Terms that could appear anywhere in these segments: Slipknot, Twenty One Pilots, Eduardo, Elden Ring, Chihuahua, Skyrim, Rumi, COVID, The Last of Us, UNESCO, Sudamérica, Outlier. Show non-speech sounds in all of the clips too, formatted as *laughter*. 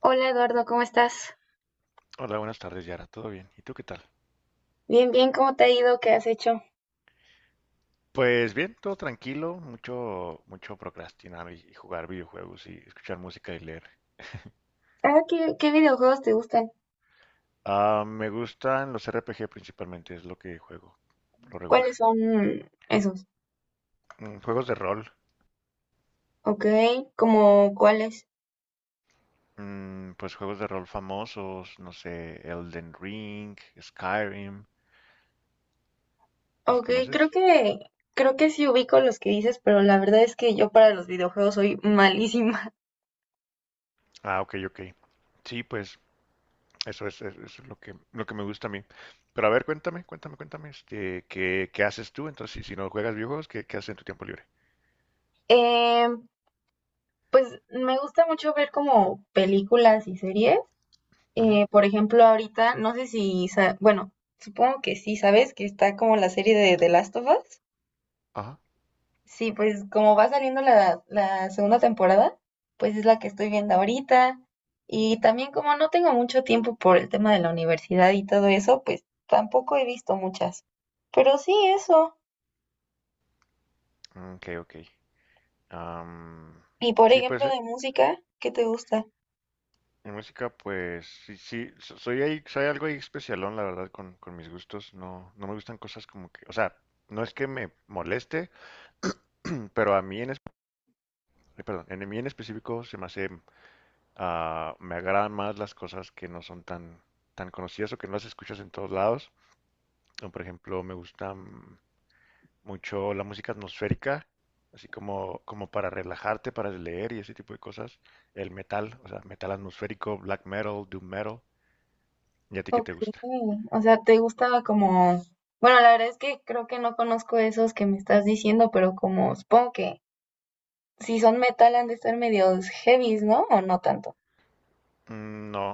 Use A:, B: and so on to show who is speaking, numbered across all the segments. A: Hola Eduardo, ¿cómo estás?
B: Hola, buenas tardes, Yara. ¿Todo bien? ¿Y tú qué tal?
A: Bien, ¿cómo te ha ido? ¿Qué has hecho?
B: Pues bien, todo tranquilo, mucho, mucho procrastinar y jugar videojuegos y escuchar música y leer.
A: Ah, ¿qué videojuegos te gustan?
B: Ah, me gustan los RPG principalmente, es lo que juego, por lo regular.
A: ¿Cuáles son esos?
B: Juegos de rol.
A: Ok, ¿como cuáles?
B: Pues juegos de rol famosos, no sé, Elden Ring, Skyrim, ¿los
A: Ok,
B: conoces?
A: creo que, creo que sí ubico los que dices, pero la verdad es que yo para los videojuegos soy malísima. *laughs*
B: Ah, ok, ok. Sí, pues eso es lo que me gusta a mí. Pero a ver, cuéntame, cuéntame, cuéntame, ¿qué haces tú? Entonces, si no juegas videojuegos, ¿qué haces en tu tiempo libre?
A: Eh, pues me gusta mucho ver como películas y series.
B: Ujú.
A: Por ejemplo, ahorita, no sé si, sa- bueno, supongo que sí, ¿sabes? Que está como la serie de The Last of Us.
B: Ajá.
A: Sí, pues como va saliendo la segunda temporada, pues es la que estoy viendo ahorita. Y también como no tengo mucho tiempo por el tema de la universidad y todo eso, pues tampoco he visto muchas. Pero sí eso.
B: Ok, ok. Am,
A: Y por
B: sí, pues
A: ejemplo de música, ¿qué te gusta?
B: en música, pues sí, sí, soy ahí, soy algo ahí especialón, la verdad, con mis gustos. No, no me gustan cosas como que, o sea, no es que me moleste, *clears throat* pero a mí en, perdón, en mí en específico se me hace, me agradan más las cosas que no son tan, tan conocidas o que no las escuchas en todos lados. Por ejemplo, me gusta mucho la música atmosférica, así como para relajarte, para leer y ese tipo de cosas. El metal, o sea, metal atmosférico, black metal, doom metal. ¿Y a ti qué
A: Ok.
B: te gusta?
A: O sea, ¿te gusta como... Bueno, la verdad es que creo que no conozco esos que me estás diciendo, pero como supongo que si son metal han de estar medios heavies, ¿no? O no tanto.
B: No,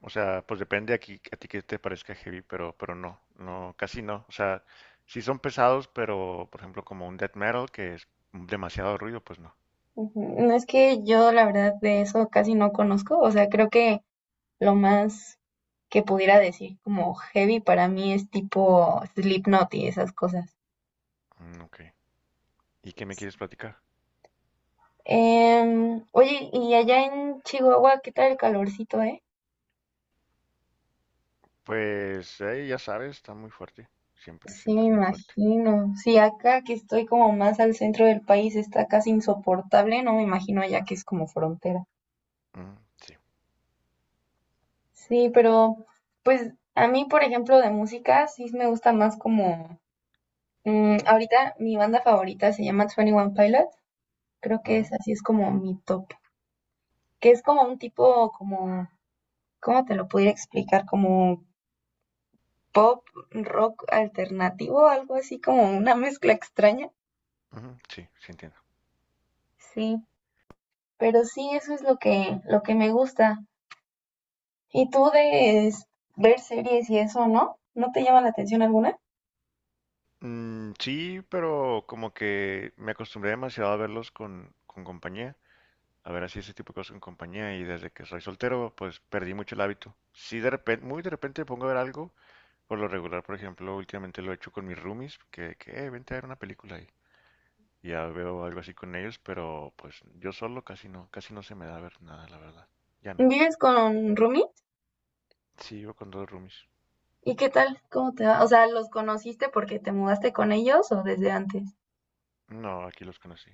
B: o sea, pues depende aquí a ti que te parezca heavy, pero no, no, casi no. O sea, sí son pesados, pero por ejemplo como un death metal que es demasiado ruido, pues no.
A: Ujú. No es que yo la verdad de eso casi no conozco, o sea, creo que lo más que pudiera decir como heavy para mí es tipo Slipknot y esas cosas.
B: Mm, ok. ¿Y qué me quieres platicar?
A: Oye, y allá en Chihuahua, ¿qué tal el calorcito, eh?
B: Pues ya sabes, está muy fuerte. Siempre,
A: Sí,
B: siempre
A: me
B: es muy fuerte.
A: imagino. Sí, acá que estoy como más al centro del país está casi insoportable, no me imagino allá que es como frontera.
B: Mm, sí.
A: Sí, pero pues a mí, por ejemplo, de música sí me gusta más como... ahorita mi banda favorita se llama Twenty One Pilots. Creo que es
B: Ujú,
A: así, es como mi top. Que es como un tipo, como, ¿cómo te lo pudiera explicar? Como pop, rock alternativo, algo así como una mezcla extraña.
B: ujú, sí, sí entiendo.
A: Sí, pero sí, eso es lo que me gusta. ¿Y tú de es- ver series y eso, no? ¿No te llama la atención alguna?
B: Sí, pero como que me acostumbré demasiado a verlos con compañía, a ver así ese tipo de cosas con compañía y desde que soy soltero pues perdí mucho el hábito. Sí, de repente, muy de repente me pongo a ver algo, por lo regular, por ejemplo, últimamente lo he hecho con mis roomies, que vente a ver una película y ya veo algo así con ellos, pero pues yo solo casi no se me da ver nada, la verdad. Ya no.
A: ¿Vives con Rumi?
B: Sí, vivo con dos roomies.
A: ¿Y qué tal? ¿Cómo te va? O sea, ¿los conociste porque te mudaste con ellos o desde antes?
B: No, aquí los conocí.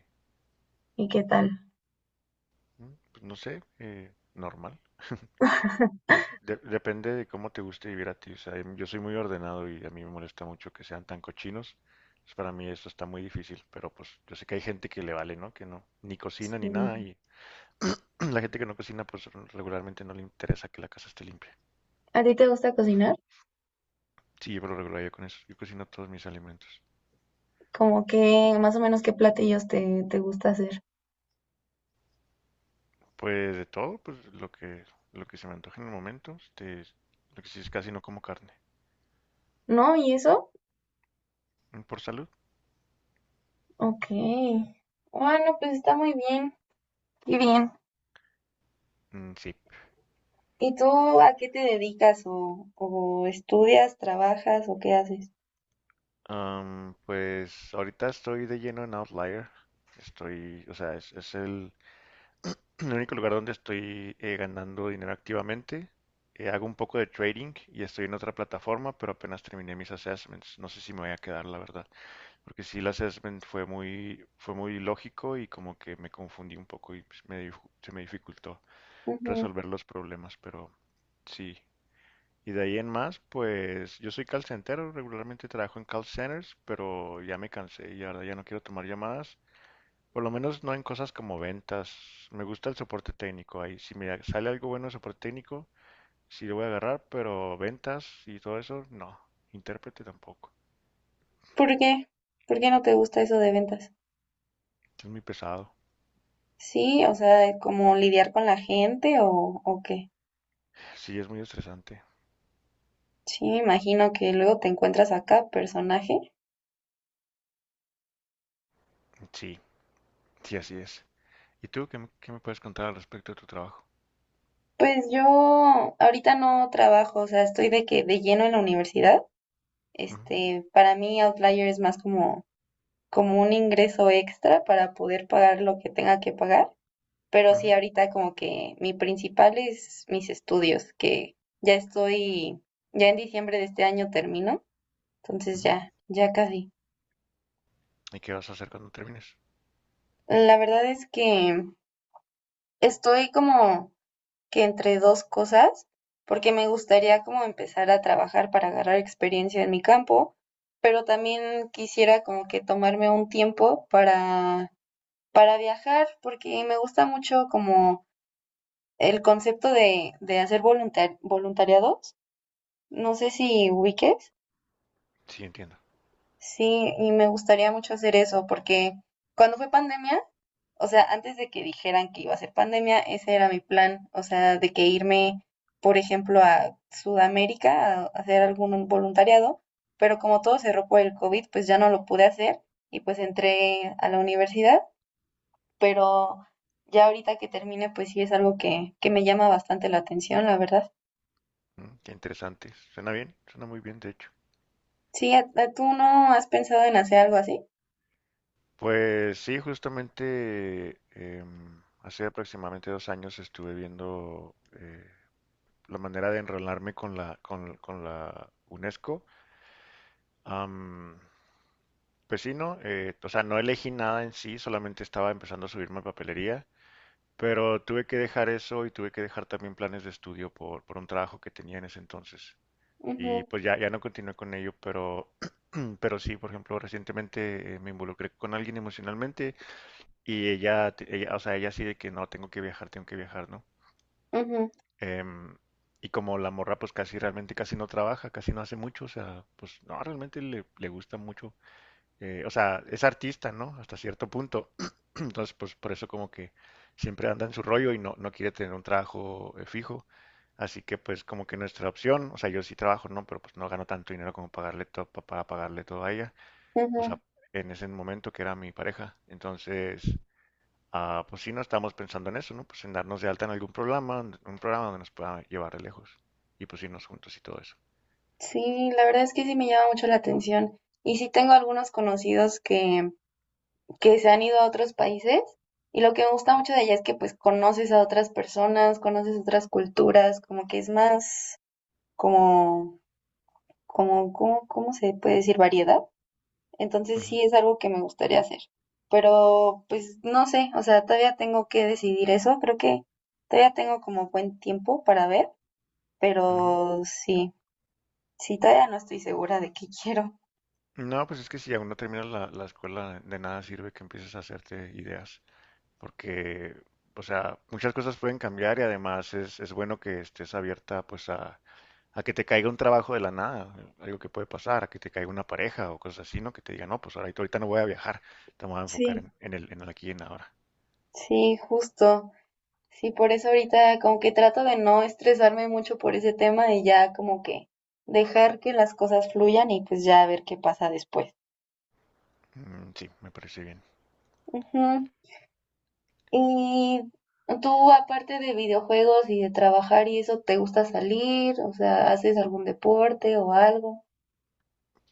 A: ¿Y qué tal?
B: Pues no sé, normal. Pues depende de cómo te guste vivir a ti. O sea, yo soy muy ordenado y a mí me molesta mucho que sean tan cochinos. Entonces, para mí eso está muy difícil, pero pues yo sé que hay gente que le vale, ¿no? Que no, ni cocina ni nada. Y *clears throat* la gente que no cocina, pues regularmente no le interesa que la casa esté limpia.
A: ¿A ti te gusta cocinar?
B: Sí, yo por lo regular yo con eso. Yo cocino todos mis alimentos.
A: Como que más o menos qué platillos te gusta hacer.
B: Pues de todo, pues lo que se me antoje en el momento. Este, lo que sí es casi no como carne.
A: ¿No? ¿Y eso?
B: ¿Por salud?
A: Ok. Bueno, pues está muy bien. Qué bien.
B: Mm, sí.
A: ¿Y tú a qué te dedicas o estudias, trabajas o qué haces?
B: Pues ahorita estoy de lleno en Outlier. Estoy, o sea, es el, *clears throat* el único lugar donde estoy ganando dinero activamente. Hago un poco de trading y estoy en otra plataforma, pero apenas terminé mis assessments. No sé si me voy a quedar, la verdad. Porque sí, el assessment fue muy lógico y como que me confundí un poco y pues, se me dificultó
A: Ujú.
B: resolver los problemas, pero sí. Y de ahí en más, pues yo soy call centero, regularmente trabajo en call centers, pero ya me cansé y ahora ya no quiero tomar llamadas. Por lo menos no en cosas como ventas. Me gusta el soporte técnico ahí. Si me sale algo bueno de soporte técnico, sí lo voy a agarrar, pero ventas y todo eso, no. Intérprete tampoco.
A: ¿Por qué? ¿Por qué no te gusta eso de ventas?
B: Es muy pesado.
A: Sí, o sea, como lidiar con la gente o qué.
B: Sí, es muy estresante.
A: Sí, imagino que luego te encuentras acá, personaje.
B: Sí, sí, así es. ¿Y tú qué, qué me puedes contar al respecto de tu trabajo?
A: Pues yo ahorita no trabajo, o sea, estoy de que de lleno en la universidad.
B: Ujú,
A: Este, para mí Outlier es más como, como un ingreso extra para poder pagar lo que tenga que pagar. Pero sí,
B: ujú,
A: ahorita como que mi principal es mis estudios, que ya estoy, ya en diciembre de este año termino, entonces
B: ujú.
A: ya, ya casi.
B: ¿Y qué vas a hacer cuando termines?
A: La verdad es que estoy como que entre dos cosas, porque me gustaría como empezar a trabajar para agarrar experiencia en mi campo, pero también quisiera como que tomarme un tiempo para... Para viajar, porque me gusta mucho como el concepto de hacer voluntar- voluntariados. No sé si ubiques.
B: Sí, entiendo.
A: Sí, y me gustaría mucho hacer eso, porque cuando fue pandemia, o sea, antes de que dijeran que iba a ser pandemia, ese era mi plan. O sea, de que irme, por ejemplo, a Sudamérica a hacer algún voluntariado. Pero como todo cerró por el COVID, pues ya no lo pude hacer y pues entré a la universidad, pero ya ahorita que termine, pues sí es algo que me llama bastante la atención, la verdad.
B: Mm, qué interesante. Suena bien, suena muy bien, de hecho.
A: Sí, a- ¿tú no has pensado en hacer algo así?
B: Pues sí, justamente hace aproximadamente 2 años estuve viendo la manera de enrolarme con la, con la UNESCO. Am, pues sí, ¿no? O sea, no elegí nada en sí, solamente estaba empezando a subirme a papelería, pero tuve que dejar eso y tuve que dejar también planes de estudio por un trabajo que tenía en ese entonces. Y
A: Ujú,
B: pues ya, ya no continué con ello, pero, *clears throat* pero sí, por ejemplo, recientemente me involucré con alguien emocionalmente y ella, o sea, ella sí de que no, tengo que viajar, ¿no?
A: ujú,
B: Em, y como la morra pues casi realmente casi no trabaja, casi no hace mucho, o sea, pues no, realmente le gusta mucho. Eh, o sea, es artista, ¿no? Hasta cierto punto. Entonces, pues por eso como que siempre anda en su rollo y no, no quiere tener un trabajo fijo. Así que pues como que nuestra opción, o sea, yo sí trabajo, no, pero pues no gano tanto dinero como pagarle todo, para pagarle todo a ella. O
A: ujú.
B: sea, en ese momento que era mi pareja. Entonces, pues sí, no estamos pensando en eso, ¿no? Pues en darnos de alta en algún programa, un programa donde nos pueda llevar de lejos. Y pues irnos juntos y todo eso.
A: Sí, la verdad es que sí me llama mucho la atención. Y sí tengo algunos conocidos que se han ido a otros países y lo que me gusta mucho de allá es que pues conoces a otras personas, conoces otras culturas, como que es más como, como, ¿cómo, cómo se puede decir? Variedad.
B: Ujú,
A: Entonces sí es algo que me gustaría hacer. Pero pues no sé, o sea, todavía tengo que decidir eso. Creo que todavía tengo como buen tiempo para ver,
B: ujú.
A: pero sí, sí, todavía no estoy segura de qué *laughs* quiero.
B: No, pues es que si aún no terminas la escuela, de nada sirve que empieces a hacerte ideas. Porque, o sea, muchas cosas pueden cambiar y además es bueno que estés abierta pues a que te caiga un trabajo de la nada, algo que puede pasar, a que te caiga una pareja o cosas así, ¿no? Que te diga, no, pues ahorita, ahorita no voy a viajar, te voy a enfocar
A: Sí,
B: en el aquí y en ahora.
A: sí, justo. Sí, por eso ahorita como que trato de no estresarme mucho por ese tema y ya como que dejar que las cosas fluyan y pues ya ver qué pasa después.
B: Sí, me parece bien.
A: Ujú. Y tú, aparte de videojuegos y de trabajar y eso, ¿te gusta salir? O sea, ¿haces algún deporte o algo?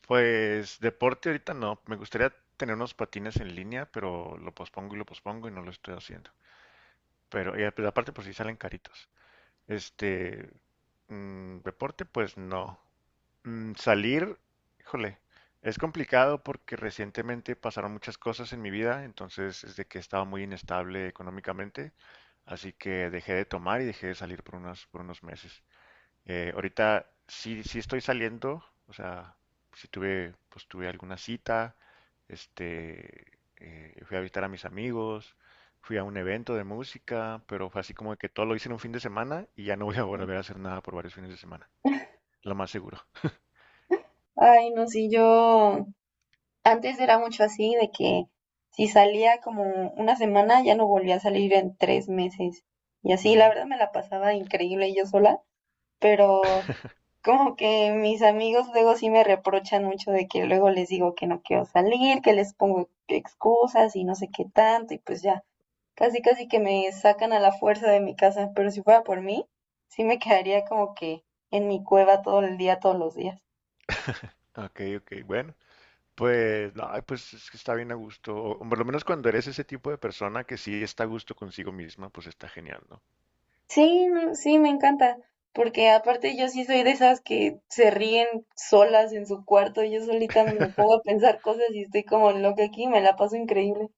B: Pues deporte ahorita no, me gustaría tener unos patines en línea, pero lo pospongo y no lo estoy haciendo. Pero y pero aparte por si salen caritos. Este, Deporte pues no. Salir, híjole, es complicado porque recientemente pasaron muchas cosas en mi vida, entonces es de que estaba muy inestable económicamente, así que dejé de tomar y dejé de salir por unos meses. Ahorita sí, sí estoy saliendo, o sea, sí tuve, pues tuve alguna cita, este, fui a visitar a mis amigos, fui a un evento de música, pero fue así como que todo lo hice en un fin de semana y ya no voy a volver a hacer nada por varios fines de semana, lo más seguro.
A: Ay, no, sí, yo antes era mucho así, de que si salía como una semana, ya no volvía a salir en tres meses. Y así, la
B: Ujú.
A: verdad, me la pasaba increíble yo sola, pero como que mis amigos luego sí me reprochan mucho de que luego les digo que no quiero salir, que les pongo excusas y no sé qué tanto, y pues ya. Casi que me sacan a la fuerza de mi casa, pero si fuera por mí, sí me quedaría como que en mi cueva todo el día, todos los días.
B: Ok, ok, bueno, pues, no, ay, pues es que está bien a gusto, o por lo menos cuando eres ese tipo de persona que sí está a gusto consigo misma, pues está genial, ¿no?
A: Sí, no, sí, me encanta, porque aparte yo sí soy de esas que se ríen solas en su cuarto, yo solita me pongo a pensar cosas y estoy como loca aquí, me la paso increíble.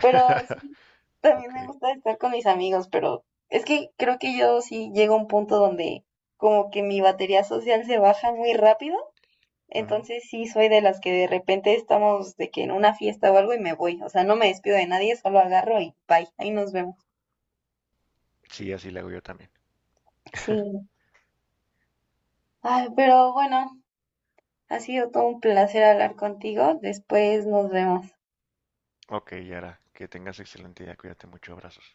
A: Pero sí, también me
B: Ok,
A: gusta estar con mis amigos, pero es que creo que yo sí llego a un punto donde como que mi batería social se baja muy rápido.
B: ujú.
A: Entonces sí soy de las que de repente estamos de que en una fiesta o algo y me voy. O sea, no me despido de nadie, solo agarro y bye. Ahí nos vemos.
B: Sí, así le hago yo también.
A: Sí. Ay, pero bueno, ha sido todo un placer hablar contigo. Después nos vemos.
B: Ok, Yara, que tengas excelente día, cuídate mucho, abrazos.